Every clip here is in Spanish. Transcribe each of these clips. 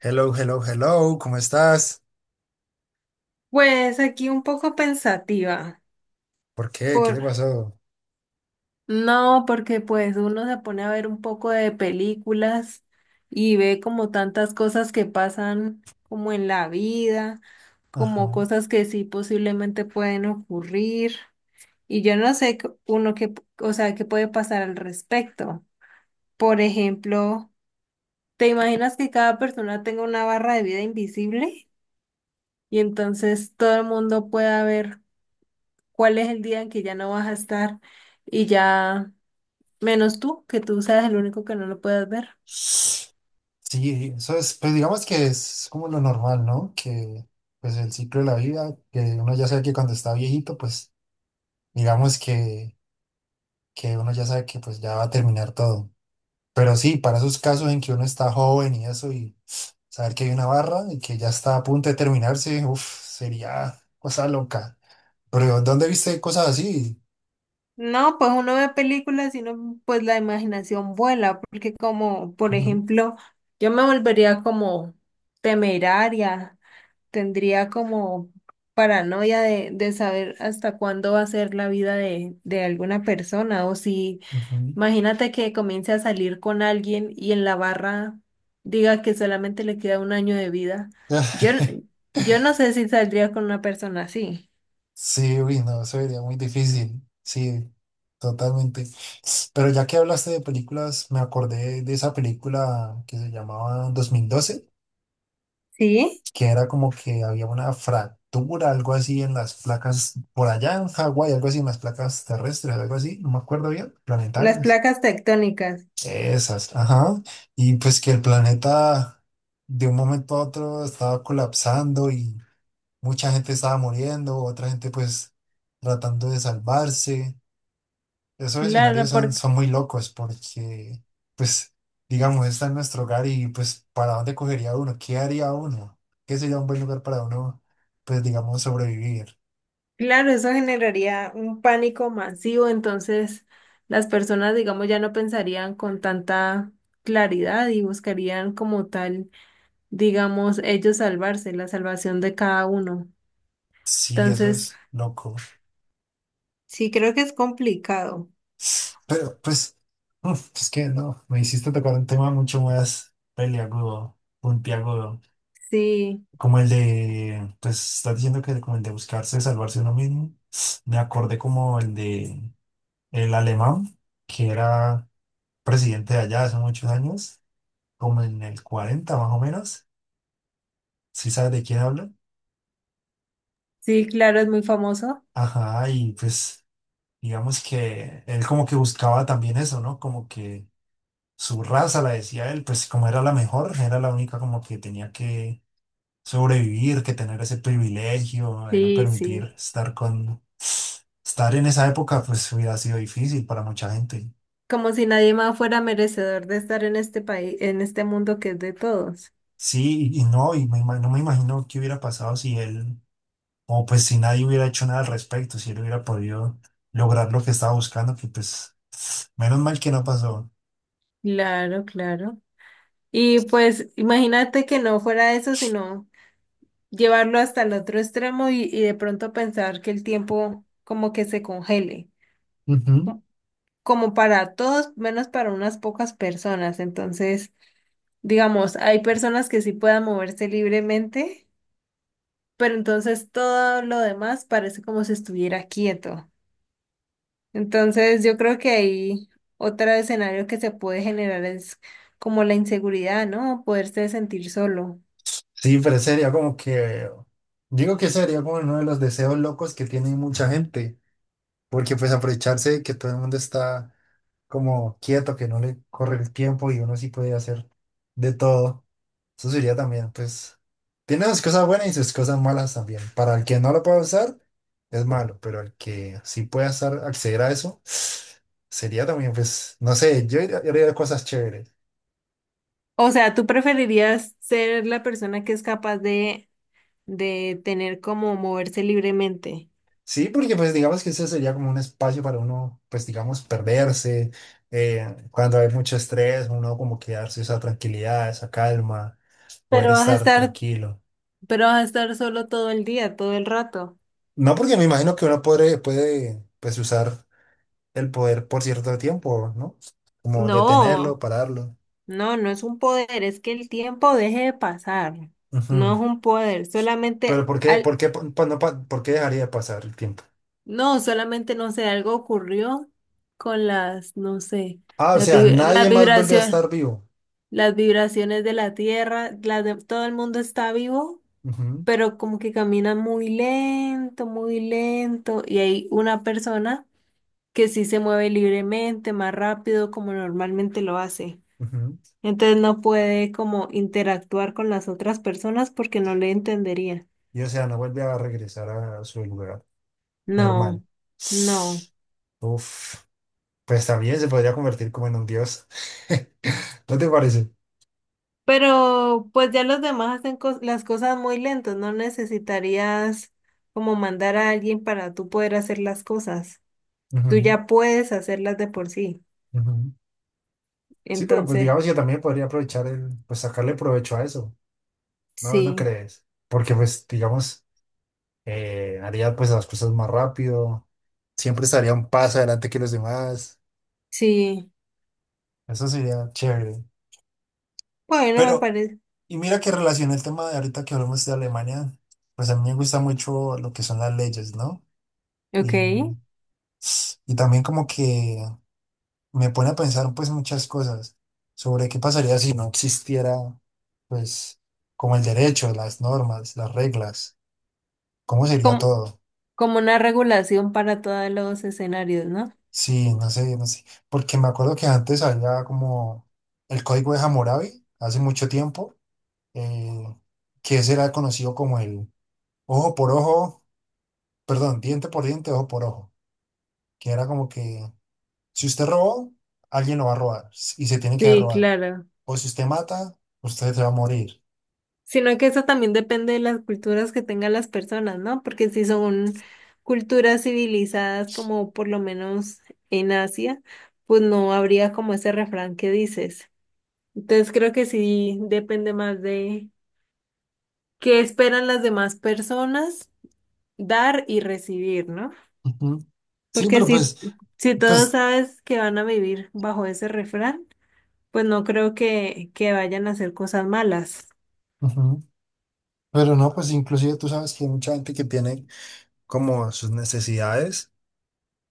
Hello, hello, hello, ¿cómo estás? Pues aquí un poco pensativa. ¿Por qué? ¿Qué Por... le pasó? No, porque pues uno se pone a ver un poco de películas y ve como tantas cosas que pasan como en la vida, como Ajá. cosas que sí posiblemente pueden ocurrir. Y yo no sé c- uno que, o sea, qué puede pasar al respecto. Por ejemplo, ¿te imaginas que cada persona tenga una barra de vida invisible? Y entonces todo el mundo pueda ver cuál es el día en que ya no vas a estar y ya, menos tú, que tú seas el único que no lo puedas ver. Sí, eso es, pues digamos que es como lo normal, ¿no? Que pues el ciclo de la vida, que uno ya sabe que cuando está viejito, pues digamos que uno ya sabe que pues ya va a terminar todo. Pero sí, para esos casos en que uno está joven y eso, y saber que hay una barra y que ya está a punto de terminarse, uff, sería cosa loca. Pero ¿dónde viste cosas así? No, pues uno ve películas y no, pues la imaginación vuela, porque como, por Ujú, ejemplo, yo me volvería como temeraria, tendría como paranoia de saber hasta cuándo va a ser la vida de alguna persona o si ujú. Imagínate que comience a salir con alguien y en la barra diga que solamente le queda un año de vida. Yo, yo no sé si saldría con una persona así. Sí, uy, no, eso sería muy difícil. Sí, totalmente. Pero ya que hablaste de películas, me acordé de esa película que se llamaba 2012, Sí, que era como que había una fractura, algo así en las placas, por allá en Hawái, algo así en las placas terrestres, algo así, no me acuerdo bien, las planetarias. placas tectónicas. Esas, ajá. Y pues que el planeta de un momento a otro estaba colapsando y mucha gente estaba muriendo, otra gente pues tratando de salvarse. Esos Claro, escenarios son, porque, son muy locos porque, pues, digamos, está en nuestro hogar y, pues, ¿para dónde cogería uno? ¿Qué haría uno? ¿Qué sería un buen lugar para uno, pues, digamos, sobrevivir? claro, eso generaría un pánico masivo, entonces las personas, digamos, ya no pensarían con tanta claridad y buscarían como tal, digamos, ellos salvarse, la salvación de cada uno. Sí, eso Entonces, es loco. sí, creo que es complicado. Pero, pues, uf, es que no, me hiciste tocar un tema mucho más peliagudo, puntiagudo, Sí. como el de, pues, estás diciendo que como el de buscarse, salvarse uno mismo. Me acordé como el de el alemán, que era presidente de allá hace muchos años, como en el 40 más o menos, si sabes de quién hablo. Sí, claro, es muy famoso. Ajá, y pues digamos que él como que buscaba también eso, ¿no? Como que su raza, la decía él, pues como era la mejor, era la única como que tenía que sobrevivir, que tener ese privilegio de no Sí, sí. permitir estar con... Estar en esa época pues hubiera sido difícil para mucha gente. Como si nadie más fuera merecedor de estar en este país, en este mundo que es de todos. Sí, y no, y no me imagino qué hubiera pasado si él. Como pues si nadie hubiera hecho nada al respecto, si él hubiera podido lograr lo que estaba buscando, que pues menos mal que no pasó. Claro, claro. Y pues imagínate que no fuera eso, sino llevarlo hasta el otro extremo y de pronto pensar que el tiempo como que se congele, Ujú. co- como para todos, menos para unas pocas personas. Entonces, digamos, hay personas que sí puedan moverse libremente, pero entonces todo lo demás parece como si estuviera quieto. Entonces, yo creo que ahí otro escenario que se puede generar es como la inseguridad, ¿no? Poderse sentir solo. Sí, pero sería como que, digo que sería como uno de los deseos locos que tiene mucha gente, porque pues aprovecharse de que todo el mundo está como quieto, que no le corre el tiempo y uno sí puede hacer de todo. Eso sería también, pues, tiene sus cosas buenas y sus cosas malas también. Para el que no lo pueda usar, es malo, pero el que sí pueda estar, acceder a eso, sería también, pues, no sé, yo haría cosas chéveres. O sea, ¿tú preferirías ser la persona que es capaz de tener como moverse libremente? Sí, porque pues digamos que ese sería como un espacio para uno, pues digamos, perderse. Cuando hay mucho estrés, uno como que darse esa tranquilidad, esa calma, poder Pero vas a estar estar, tranquilo. pero vas a estar solo todo el día, todo el rato. No porque me imagino que uno puede pues usar el poder por cierto tiempo, ¿no? Como detenerlo, No, pararlo. no, no es un poder, es que el tiempo deje de pasar. Ujú. No es un poder, Pero por qué, pa- pa- no pa- por qué dejaría de pasar el tiempo? Solamente no sé, algo ocurrió con las, no sé, Ah, o las, sea, nadie más vuelve a vibraciones, estar vivo. las vibraciones de la tierra, las de, todo el mundo está vivo, Ujú, pero como que camina muy lento, y hay una persona que sí se mueve libremente, más rápido, como normalmente lo hace. ujú. Entonces no puede como interactuar con las otras personas porque no le entendería. Y o sea, no vuelve a regresar a su lugar normal. No, no. Uf, pues también se podría convertir como en un dios. ¿No te parece? Pero pues ya los demás hacen cos- las cosas muy lentos, no necesitarías como mandar a alguien para tú poder hacer las cosas. Tú Ujú, ya puedes hacerlas de por sí. ujú. Sí, pero pues Entonces, digamos que también podría aprovechar el, pues sacarle provecho a eso. No, ¿no sí, crees? Porque pues digamos... Haría pues las cosas más rápido, siempre estaría un paso adelante que los demás, sí. eso sería chévere. Bueno, me Pero, parece. y mira que relaciona el tema de ahorita que hablamos de Alemania, pues a mí me gusta mucho lo que son las leyes, ¿no? Ok. Y, y también como que me pone a pensar pues muchas cosas sobre qué pasaría si no existiera pues como el derecho, las normas, las reglas, cómo sería Como, todo. como una regulación para todos los escenarios, ¿no? Sí, no sé, no sé. Porque me acuerdo que antes había como el código de Hammurabi, hace mucho tiempo, eh, que ese era conocido como el ojo por ojo, perdón, diente por diente, ojo por ojo. Que era como que si usted robó, alguien lo va a robar s- y se tiene que Sí, robar. claro. O si usted mata, usted se va a morir. Sino que eso también depende de las culturas que tengan las personas, ¿no? Porque si son culturas civilizadas, como por lo menos en Asia, pues no habría como ese refrán que dices. Entonces creo que sí depende más de qué esperan las demás personas dar y recibir, ¿no? Ujú. Sí, Porque pero si, pues, si todos pues, sabes que van a vivir bajo ese refrán, pues no creo que vayan a hacer cosas malas. ujú. Pero no, pues inclusive tú sabes que hay mucha gente que tiene como sus necesidades.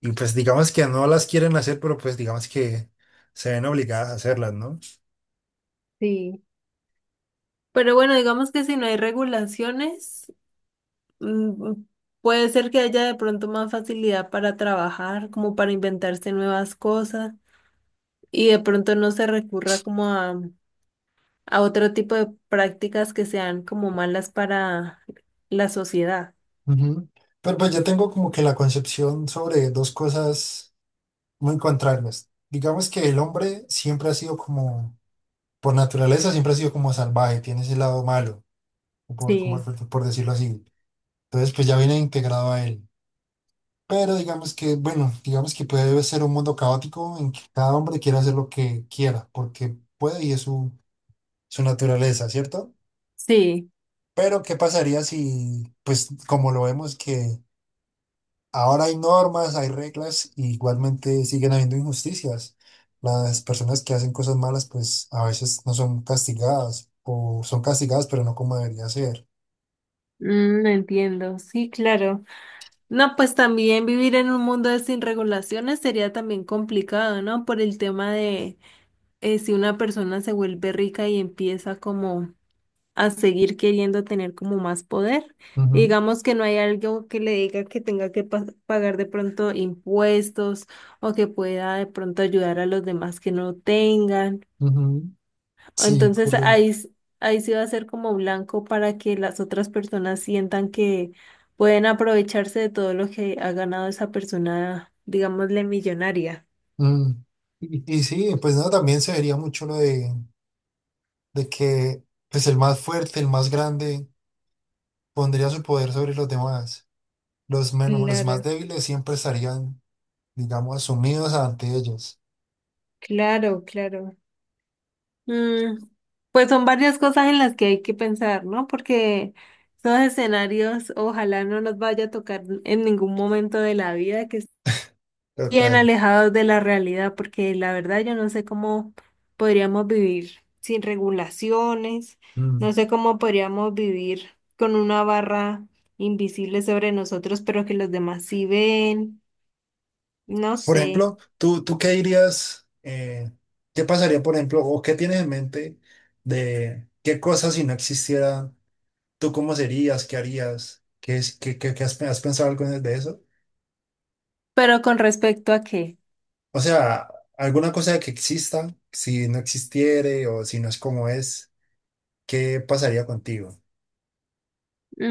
Y pues digamos que no las quieren hacer, pero pues digamos que se ven obligadas a hacerlas, ¿no? Sí. Pero bueno, digamos que si no hay regulaciones. Mm, mm, Puede ser que haya de pronto más facilidad para trabajar, como para inventarse nuevas cosas y de pronto no se recurra como a otro tipo de prácticas que sean como malas para la sociedad. Ujú. Pero pues yo tengo como que la concepción sobre dos cosas muy contrarias. Digamos que el hombre siempre ha sido como, por naturaleza, siempre ha sido como salvaje, tiene ese lado malo, o por, como, Sí, por decirlo así. Entonces pues ya viene integrado a él. Pero digamos que, bueno, digamos que puede ser un mundo caótico en que cada hombre quiera hacer lo que quiera, porque puede y es su, su naturaleza, ¿cierto? sí, Pero, ¿qué pasaría si, pues, como lo vemos, que ahora hay normas, hay reglas, y igualmente siguen habiendo injusticias? Las personas que hacen cosas malas, pues, a veces no son castigadas, o son castigadas, pero no como debería ser. mm, entiendo, sí, claro. No, pues también vivir en un mundo de sin regulaciones sería también complicado, ¿no? Por el tema de si una persona se vuelve rica y empieza como a seguir queriendo tener como más poder. Y Ujú, digamos que no hay algo que le diga que tenga que pa- pagar de pronto impuestos o que pueda de pronto ayudar a los demás que no tengan. ujú. O Sí, Entonces ahí, correcto. s- ahí sí va a ser como blanco para que las otras personas sientan que pueden aprovecharse de todo lo que ha ganado esa persona, digámosle millonaria. Mm. Y sí, pues no, también se vería mucho lo de que pues el más fuerte, el más grande, pondría su poder sobre los demás. Los menos, los más Claro, débiles siempre estarían digamos, asumidos ante ellos. claro, claro. Mm, pues son varias cosas en las que hay que pensar, ¿no? Porque esos escenarios ojalá no nos vaya a tocar en ningún momento de la vida que estén bien Total. alejados de la realidad, porque la verdad yo no sé cómo podríamos vivir sin regulaciones, no Mm. sé cómo podríamos vivir con una barra invisible sobre nosotros, pero que los demás sí ven, no Por sé. ejemplo, ¿tú qué dirías, qué pasaría, por ejemplo, o qué tienes en mente de qué cosas si no existieran, tú cómo serías, qué harías, qué, es- qué, qué- qué has, has pensado algo de eso? ¿Pero con respecto a qué? O sea, alguna cosa que exista, si no existiere o si no es como es, ¿qué pasaría contigo?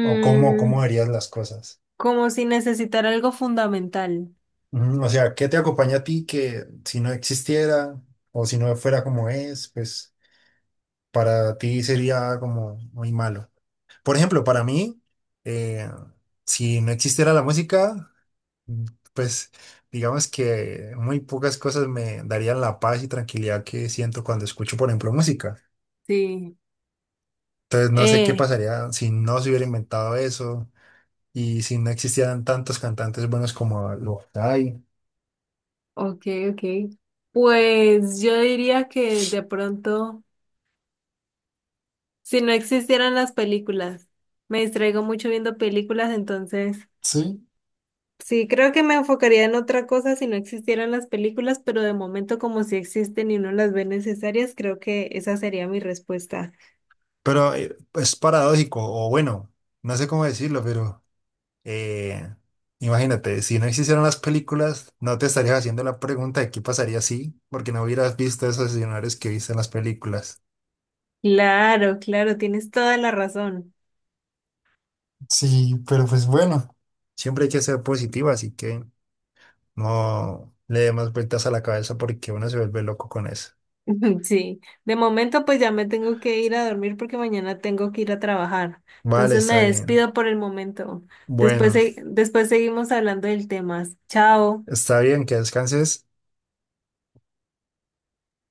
¿O cómo, cómo verías las cosas? como si necesitar algo fundamental. Ujú. O sea, ¿qué te acompaña a ti que si no existiera o si no fuera como es, pues para ti sería como muy malo? Por ejemplo, para mí, eh, si no existiera la música, mm, pues digamos que muy pocas cosas me darían la paz y tranquilidad que siento cuando escucho, por ejemplo, música. Sí, Entonces no sé qué eh, pasaría si no se hubiera inventado eso y si no existieran tantos cantantes buenos como los hay. ok, ok. Pues yo diría que de pronto, si no existieran las películas, me distraigo mucho viendo películas, entonces Sí. sí, creo que me enfocaría en otra cosa si no existieran las películas, pero de momento como si existen y no las ve necesarias, creo que esa sería mi respuesta. Pero es paradójico, o bueno, no sé cómo decirlo, pero eh, imagínate, si no existieran las películas, no te estarías haciendo la pregunta de qué pasaría si, porque no hubieras visto esos escenarios que viste en las películas. Claro, claro, tienes toda la razón. Sí, pero pues bueno, siempre hay que ser positivo, así que no le dé más vueltas a la cabeza porque uno se vuelve loco con eso. Sí, de momento pues ya me tengo que ir a dormir porque mañana tengo que ir a trabajar. Vale, Entonces está me bien. despido por el momento. Después, Bueno, se- después seguimos hablando del tema. Chao. está bien, que descanses.